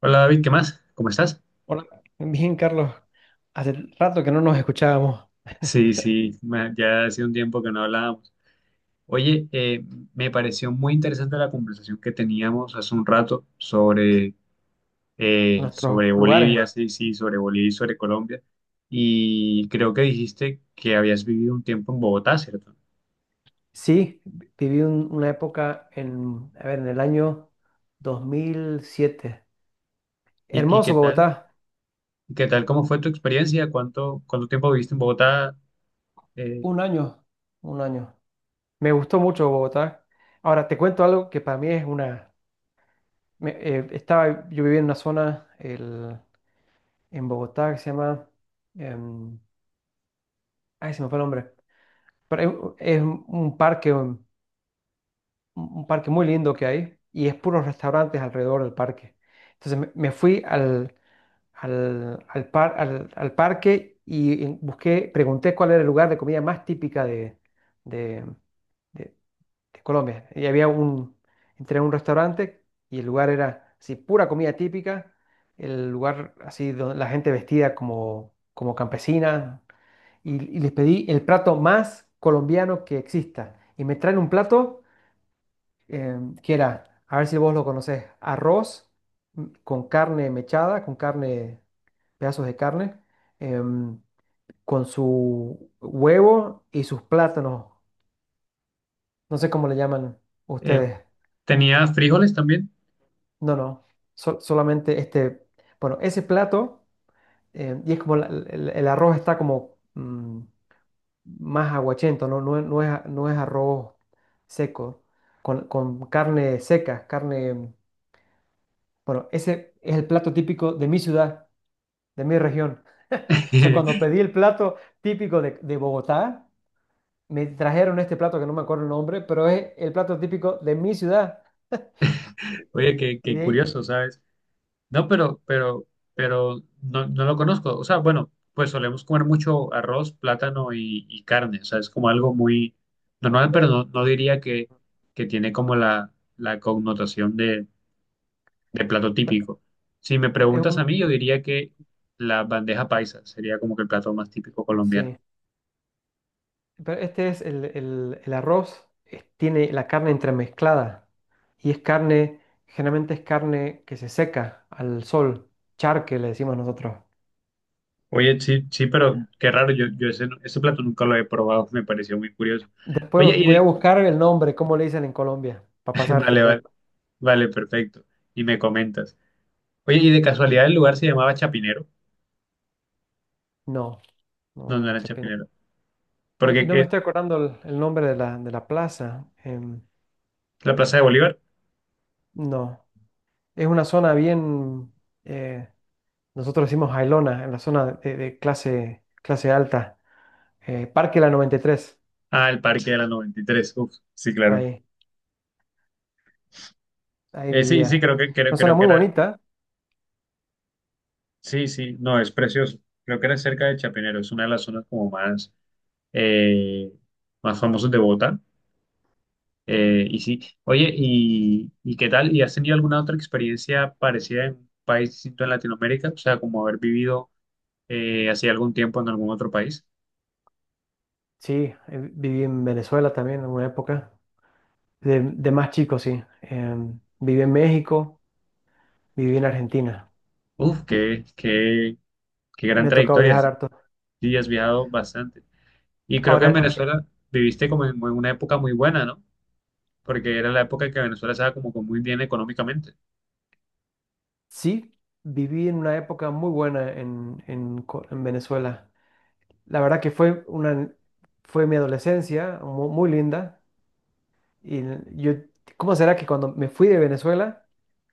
Hola David, ¿qué más? ¿Cómo estás? Hola, bien, Carlos. Hace rato que no nos escuchábamos Sí, sí, ya hace un tiempo que no hablábamos. Oye, me pareció muy interesante la conversación que teníamos hace un rato sobre, eh, nuestros sobre lugares. Bolivia, sí, sí, sobre Bolivia y sobre Colombia. Y creo que dijiste que habías vivido un tiempo en Bogotá, ¿cierto? Sí, viví una época en, a ver, en el año 2007. ¿Y qué Hermoso tal? Bogotá, ¿Qué tal? ¿Cómo fue tu experiencia? ¿Cuánto tiempo viviste en Bogotá? Eh, un año, un año. Me gustó mucho Bogotá. Ahora, te cuento algo que para mí es una... estaba, yo vivía en una zona en Bogotá que se llama... em, ay, se me fue el nombre. Pero es, un parque muy lindo que hay y es puros restaurantes alrededor del parque. Entonces me fui al parque y busqué, pregunté cuál era el lugar de comida más típica de, de- de Colombia. Y había entré a un restaurante y el lugar era así, pura comida típica, el lugar así donde la gente vestida como campesina y les pedí el plato más colombiano que exista. Y me traen un plato que era, a ver si vos lo conocés, arroz con carne mechada, con carne, pedazos de carne, em, con su huevo y sus plátanos. No sé cómo le llaman eh, ustedes. ¿Tenías frijoles también? No, no, solamente este, bueno, ese plato, y es como el arroz está como más aguachento, ¿no? no no es arroz seco, con carne seca, carne. Bueno, ese es el plato típico de mi ciudad, de mi región. O sea, cuando pedí el plato típico de Bogotá, me trajeron este plato que no me acuerdo el nombre, pero es el plato típico de mi ciudad. Y, Oye, y- qué, y qué de ahí, curioso, ¿sabes? No, pero no, no lo conozco. O sea, bueno, pues solemos comer mucho arroz, plátano y carne. O sea, es como algo muy normal, pero no, no diría que tiene como la connotación de plato pe- típico. Si me es preguntas a un- mí, yo diría que la bandeja paisa sería como que el plato más típico colombiano. sí, pero este es el arroz, tiene la carne entremezclada y es carne, generalmente es carne que se seca al sol, charque le decimos nosotros. Oye, sí, sí, pero qué raro, yo ese plato nunca lo he probado, me pareció muy curioso. Oye, Después y voy a de- buscar el nombre, cómo le dicen en Colombia, para pasarte vale, el vale, dato. vale, perfecto. Y me comentas. Oye, y de casualidad el lugar se llamaba Chapinero. No, no, No, no no. era Chapinero. Oye, y Porque no me estoy acordando el nombre de la plaza. La Plaza de Bolívar. No, es una zona bien, eh, nosotros decimos Jailona, en la zona de clase alta. Parque La 93, Ah, el Parque de la Noventa y Tres, uf, sí, claro. ahí, ahí Sí, sí, vivía. creo que, creo, Una zona creo que muy era. bonita, Sí, sí, no, es precioso. Creo que era cerca de Chapinero. Es una de las zonas como más, eh, más famosas de Bogotá. Y sí, oye, ¿y qué tal? ¿Y has tenido alguna otra experiencia parecida en un país distinto en Latinoamérica? O sea, como haber vivido hace algún tiempo en algún otro país. sí, viví en Venezuela también en una época, de más chico, sí. Viví en México, viví en Argentina. Uf, Mi- qué gran Me ha tocado trayectoria. viajar harto. Sí, has viajado bastante. Y creo que en Ahora, Venezuela viviste como en una época muy buena, ¿no? Porque era la época en que Venezuela estaba como que muy bien económicamente. sí, viví en una época muy buena en Venezuela. La verdad que fue fue mi adolescencia muy linda. Y yo, ¿cómo será que cuando me fui de Venezuela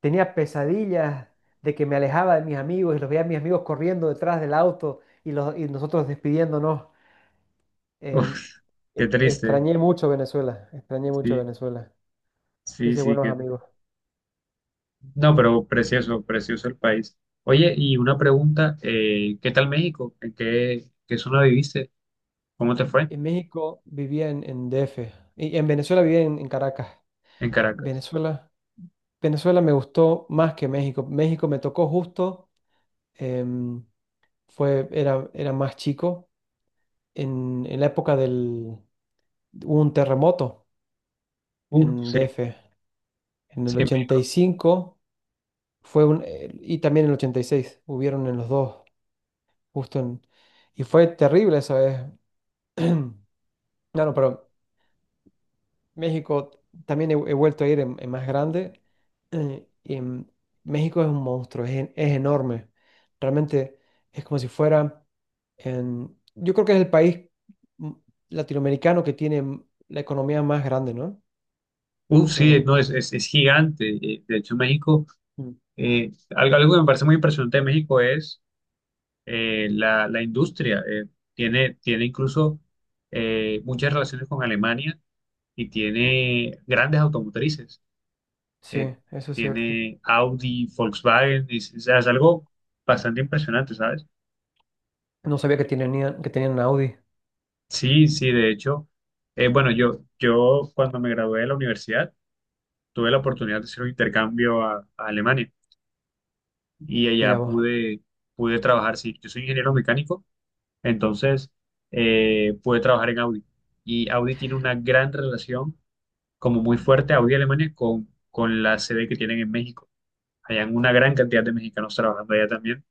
tenía pesadillas de que me alejaba de mis amigos y los veía a mis amigos corriendo detrás del auto y nosotros despidiéndonos? Em, Uf, qué triste. Extrañé mucho Venezuela, extrañé mucho Sí, Venezuela. sí, Hice sí. buenos amigos. No, pero precioso, precioso el país. Oye, y una pregunta, ¿qué tal México? ¿En qué zona viviste? ¿Cómo te fue? En México vivía en DF y en Venezuela vivía en Caracas. En Caracas. Venezuela, Venezuela me gustó más que México. México me tocó justo. em, era más chico, en la época hubo un terremoto Uf, en sí, DF, en sí, el en ochenta y México. cinco fue un, y también en el 86 hubieron en los dos, justo en, y fue terrible eso. Es, No, no, pero México, también he vuelto a ir en más grande, eh, y en- México es un monstruo, es enorme, realmente es como si fuera... Yo creo que es el país mm, latinoamericano que tiene la economía más grande, ¿no? Uf, sí, Eh, no, es gigante. De hecho, México, Mm. eh, algo que me parece muy impresionante de México es la industria. Tiene incluso muchas relaciones con Alemania y tiene grandes automotrices. Sí, eh, eso es cierto. Tiene Audi, Volkswagen, y es, o sea, es algo bastante impresionante, ¿sabes? No sabía que tenían Audi. Sí, sí, de hecho, bueno, yo cuando me gradué de la universidad tuve la oportunidad de hacer un intercambio a Alemania y Mira allá vos. pude trabajar, sí, yo soy ingeniero mecánico. Entonces, pude trabajar en Audi. Y Audi tiene una gran relación, como muy fuerte, Audi Alemania, con la sede que tienen en México. Hay una gran cantidad de mexicanos trabajando allá también,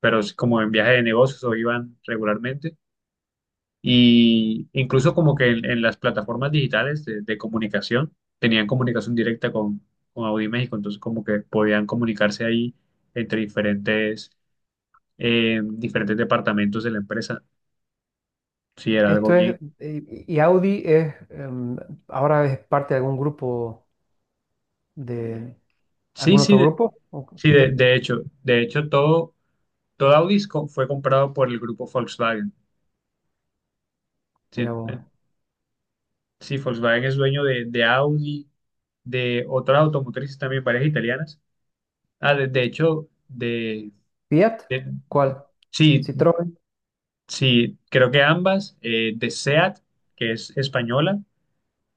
pero es como en viaje de negocios o iban regularmente. Y incluso como que en las plataformas digitales de comunicación, tenían comunicación directa con Audi México, entonces como que podían comunicarse ahí entre diferentes, diferentes departamentos de la empresa. Sí, era algo bien. Y Audi es, ahora es parte de algún grupo, de Sí, algún sí, otro de, grupo. De hecho, todo Audi es fue comprado por el grupo Volkswagen. Sí, Mira vos. eh, sí, Volkswagen es dueño de Audi, de otras automotrices también, varias italianas. Ah, de hecho, Fiat, de- ¿cuál? Sí, Citroën, sí, creo que ambas, de SEAT, que es española,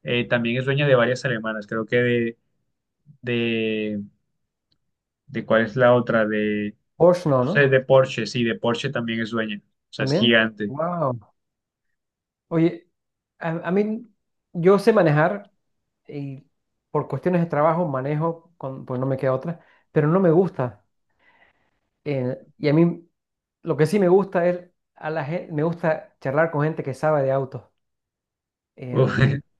también es dueña de varias alemanas. Creo que de, de ¿cuál es la otra? Porsche, no, No sé, ¿no? de Porsche, sí, de Porsche también es dueña. O sea, es ¿También? gigante. Wow. Oye, a mí, yo sé manejar, y por cuestiones de trabajo manejo, pues no me queda otra, pero no me gusta. Y a mí lo que sí me gusta a la gente, me gusta charlar con gente que sabe de autos. Uf. El-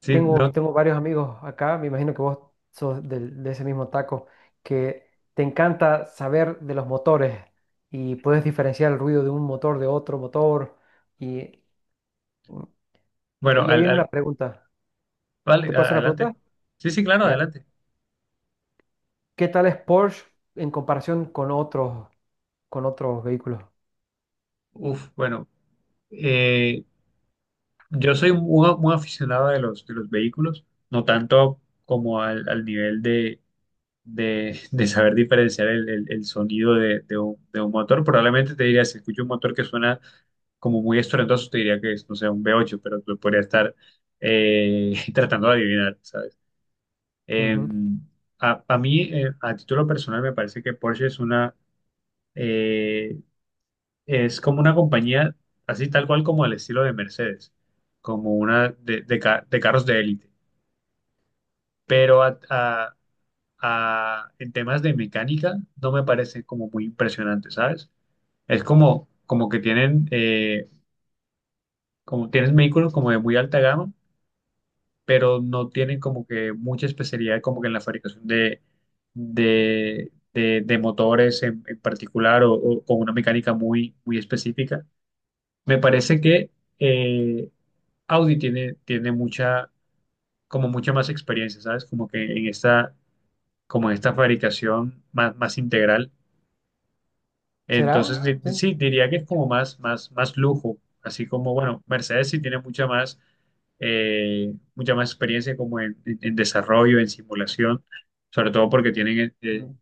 Sí, tengo, no, tengo varios amigos acá, me imagino que vos sos de ese mismo taco, que te encanta saber de los motores y puedes diferenciar el ruido de un motor de otro motor. Y, y bueno, ahí viene una pregunta. ¿Te vale, paso una adelante. pregunta? Sí, sí, claro, Ya. adelante. ¿Qué tal es Porsche en comparación con otros, con otros vehículos? Uf, bueno, eh, yo soy muy aficionado de los vehículos, no tanto como al nivel de saber diferenciar el sonido de un, de un motor. Probablemente te diría, si escucho un motor que suena como muy estruendoso, te diría que es, no sé, un v ocho, pero lo podría estar tratando de adivinar, ¿sabes? Ujú. Em, a mí, a título personal, me parece que Porsche es una... eh, Es como una compañía, así tal cual como el estilo de Mercedes, como una de carros de élite. Pero en temas de mecánica no me parece como muy impresionante, ¿sabes? Es como, como que tienen, como tienen vehículos como de muy alta gama, pero no tienen como que mucha especialidad como que en la fabricación de motores en particular o con una mecánica muy específica. Me parece que... eh, Audi tiene mucha, como mucha más experiencia, ¿sabes? Como que en esta, como en esta fabricación más integral. Entonces, ¿Será? Sí. Sí, diría que es como más lujo. Así como, bueno, Mercedes sí tiene mucha más experiencia como en, en desarrollo, en simulación, sobre todo porque tienen Mm.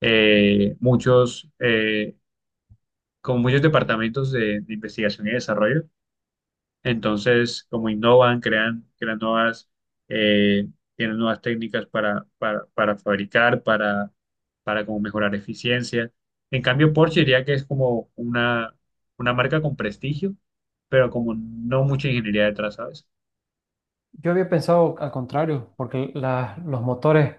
eh, muchos, eh, como muchos departamentos de investigación y desarrollo. Entonces, como innovan, crean nuevas, eh, tienen nuevas técnicas para fabricar, para como mejorar eficiencia. En cambio, Porsche diría que es como una marca con prestigio, pero como no mucha ingeniería detrás, ¿sabes? Yo había pensado al contrario, porque los motores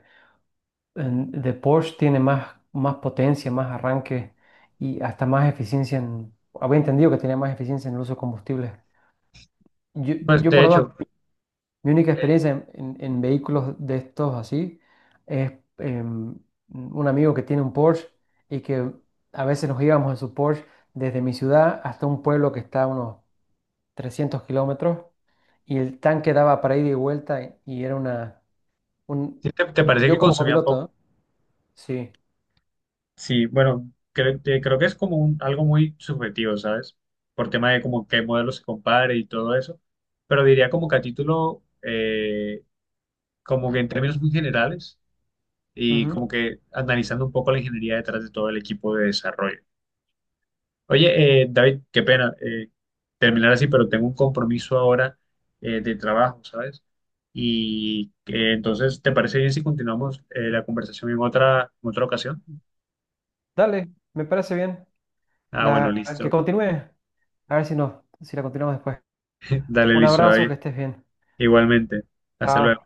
de Porsche tienen más, más potencia, más arranque y hasta más eficiencia en. Había entendido que tenía más eficiencia en el uso de combustibles. Yo, Pues yo de por ahora, hecho, mi única eh, experiencia en vehículos de estos así es em, un amigo que tiene un Porsche y que a veces nos íbamos en su Porsche desde mi ciudad hasta un pueblo que está a unos 300 kilómetros y el tanque daba para ida y vuelta, y era una. Un, ¿sí? ¿Te parece yo que como consumían copiloto, poco? ¿no? Sí. Sí, bueno, creo que es como un- algo muy subjetivo, ¿sabes? Por tema de como qué modelo se compare y todo eso. Pero diría como que a título... como que en términos muy generales y Ujú. como que analizando un poco la ingeniería detrás de todo el equipo de desarrollo. Oye, David, qué pena terminar así, pero tengo un compromiso ahora de trabajo, ¿sabes? Y entonces, ¿te parece bien si continuamos la conversación en otra ocasión? Dale, me parece bien. Ah, bueno, Que listo. continúe. A ver si no, si la continuamos después. Dale, Un listo, abrazo, David. que estés bien. Igualmente. Hasta luego. Chao.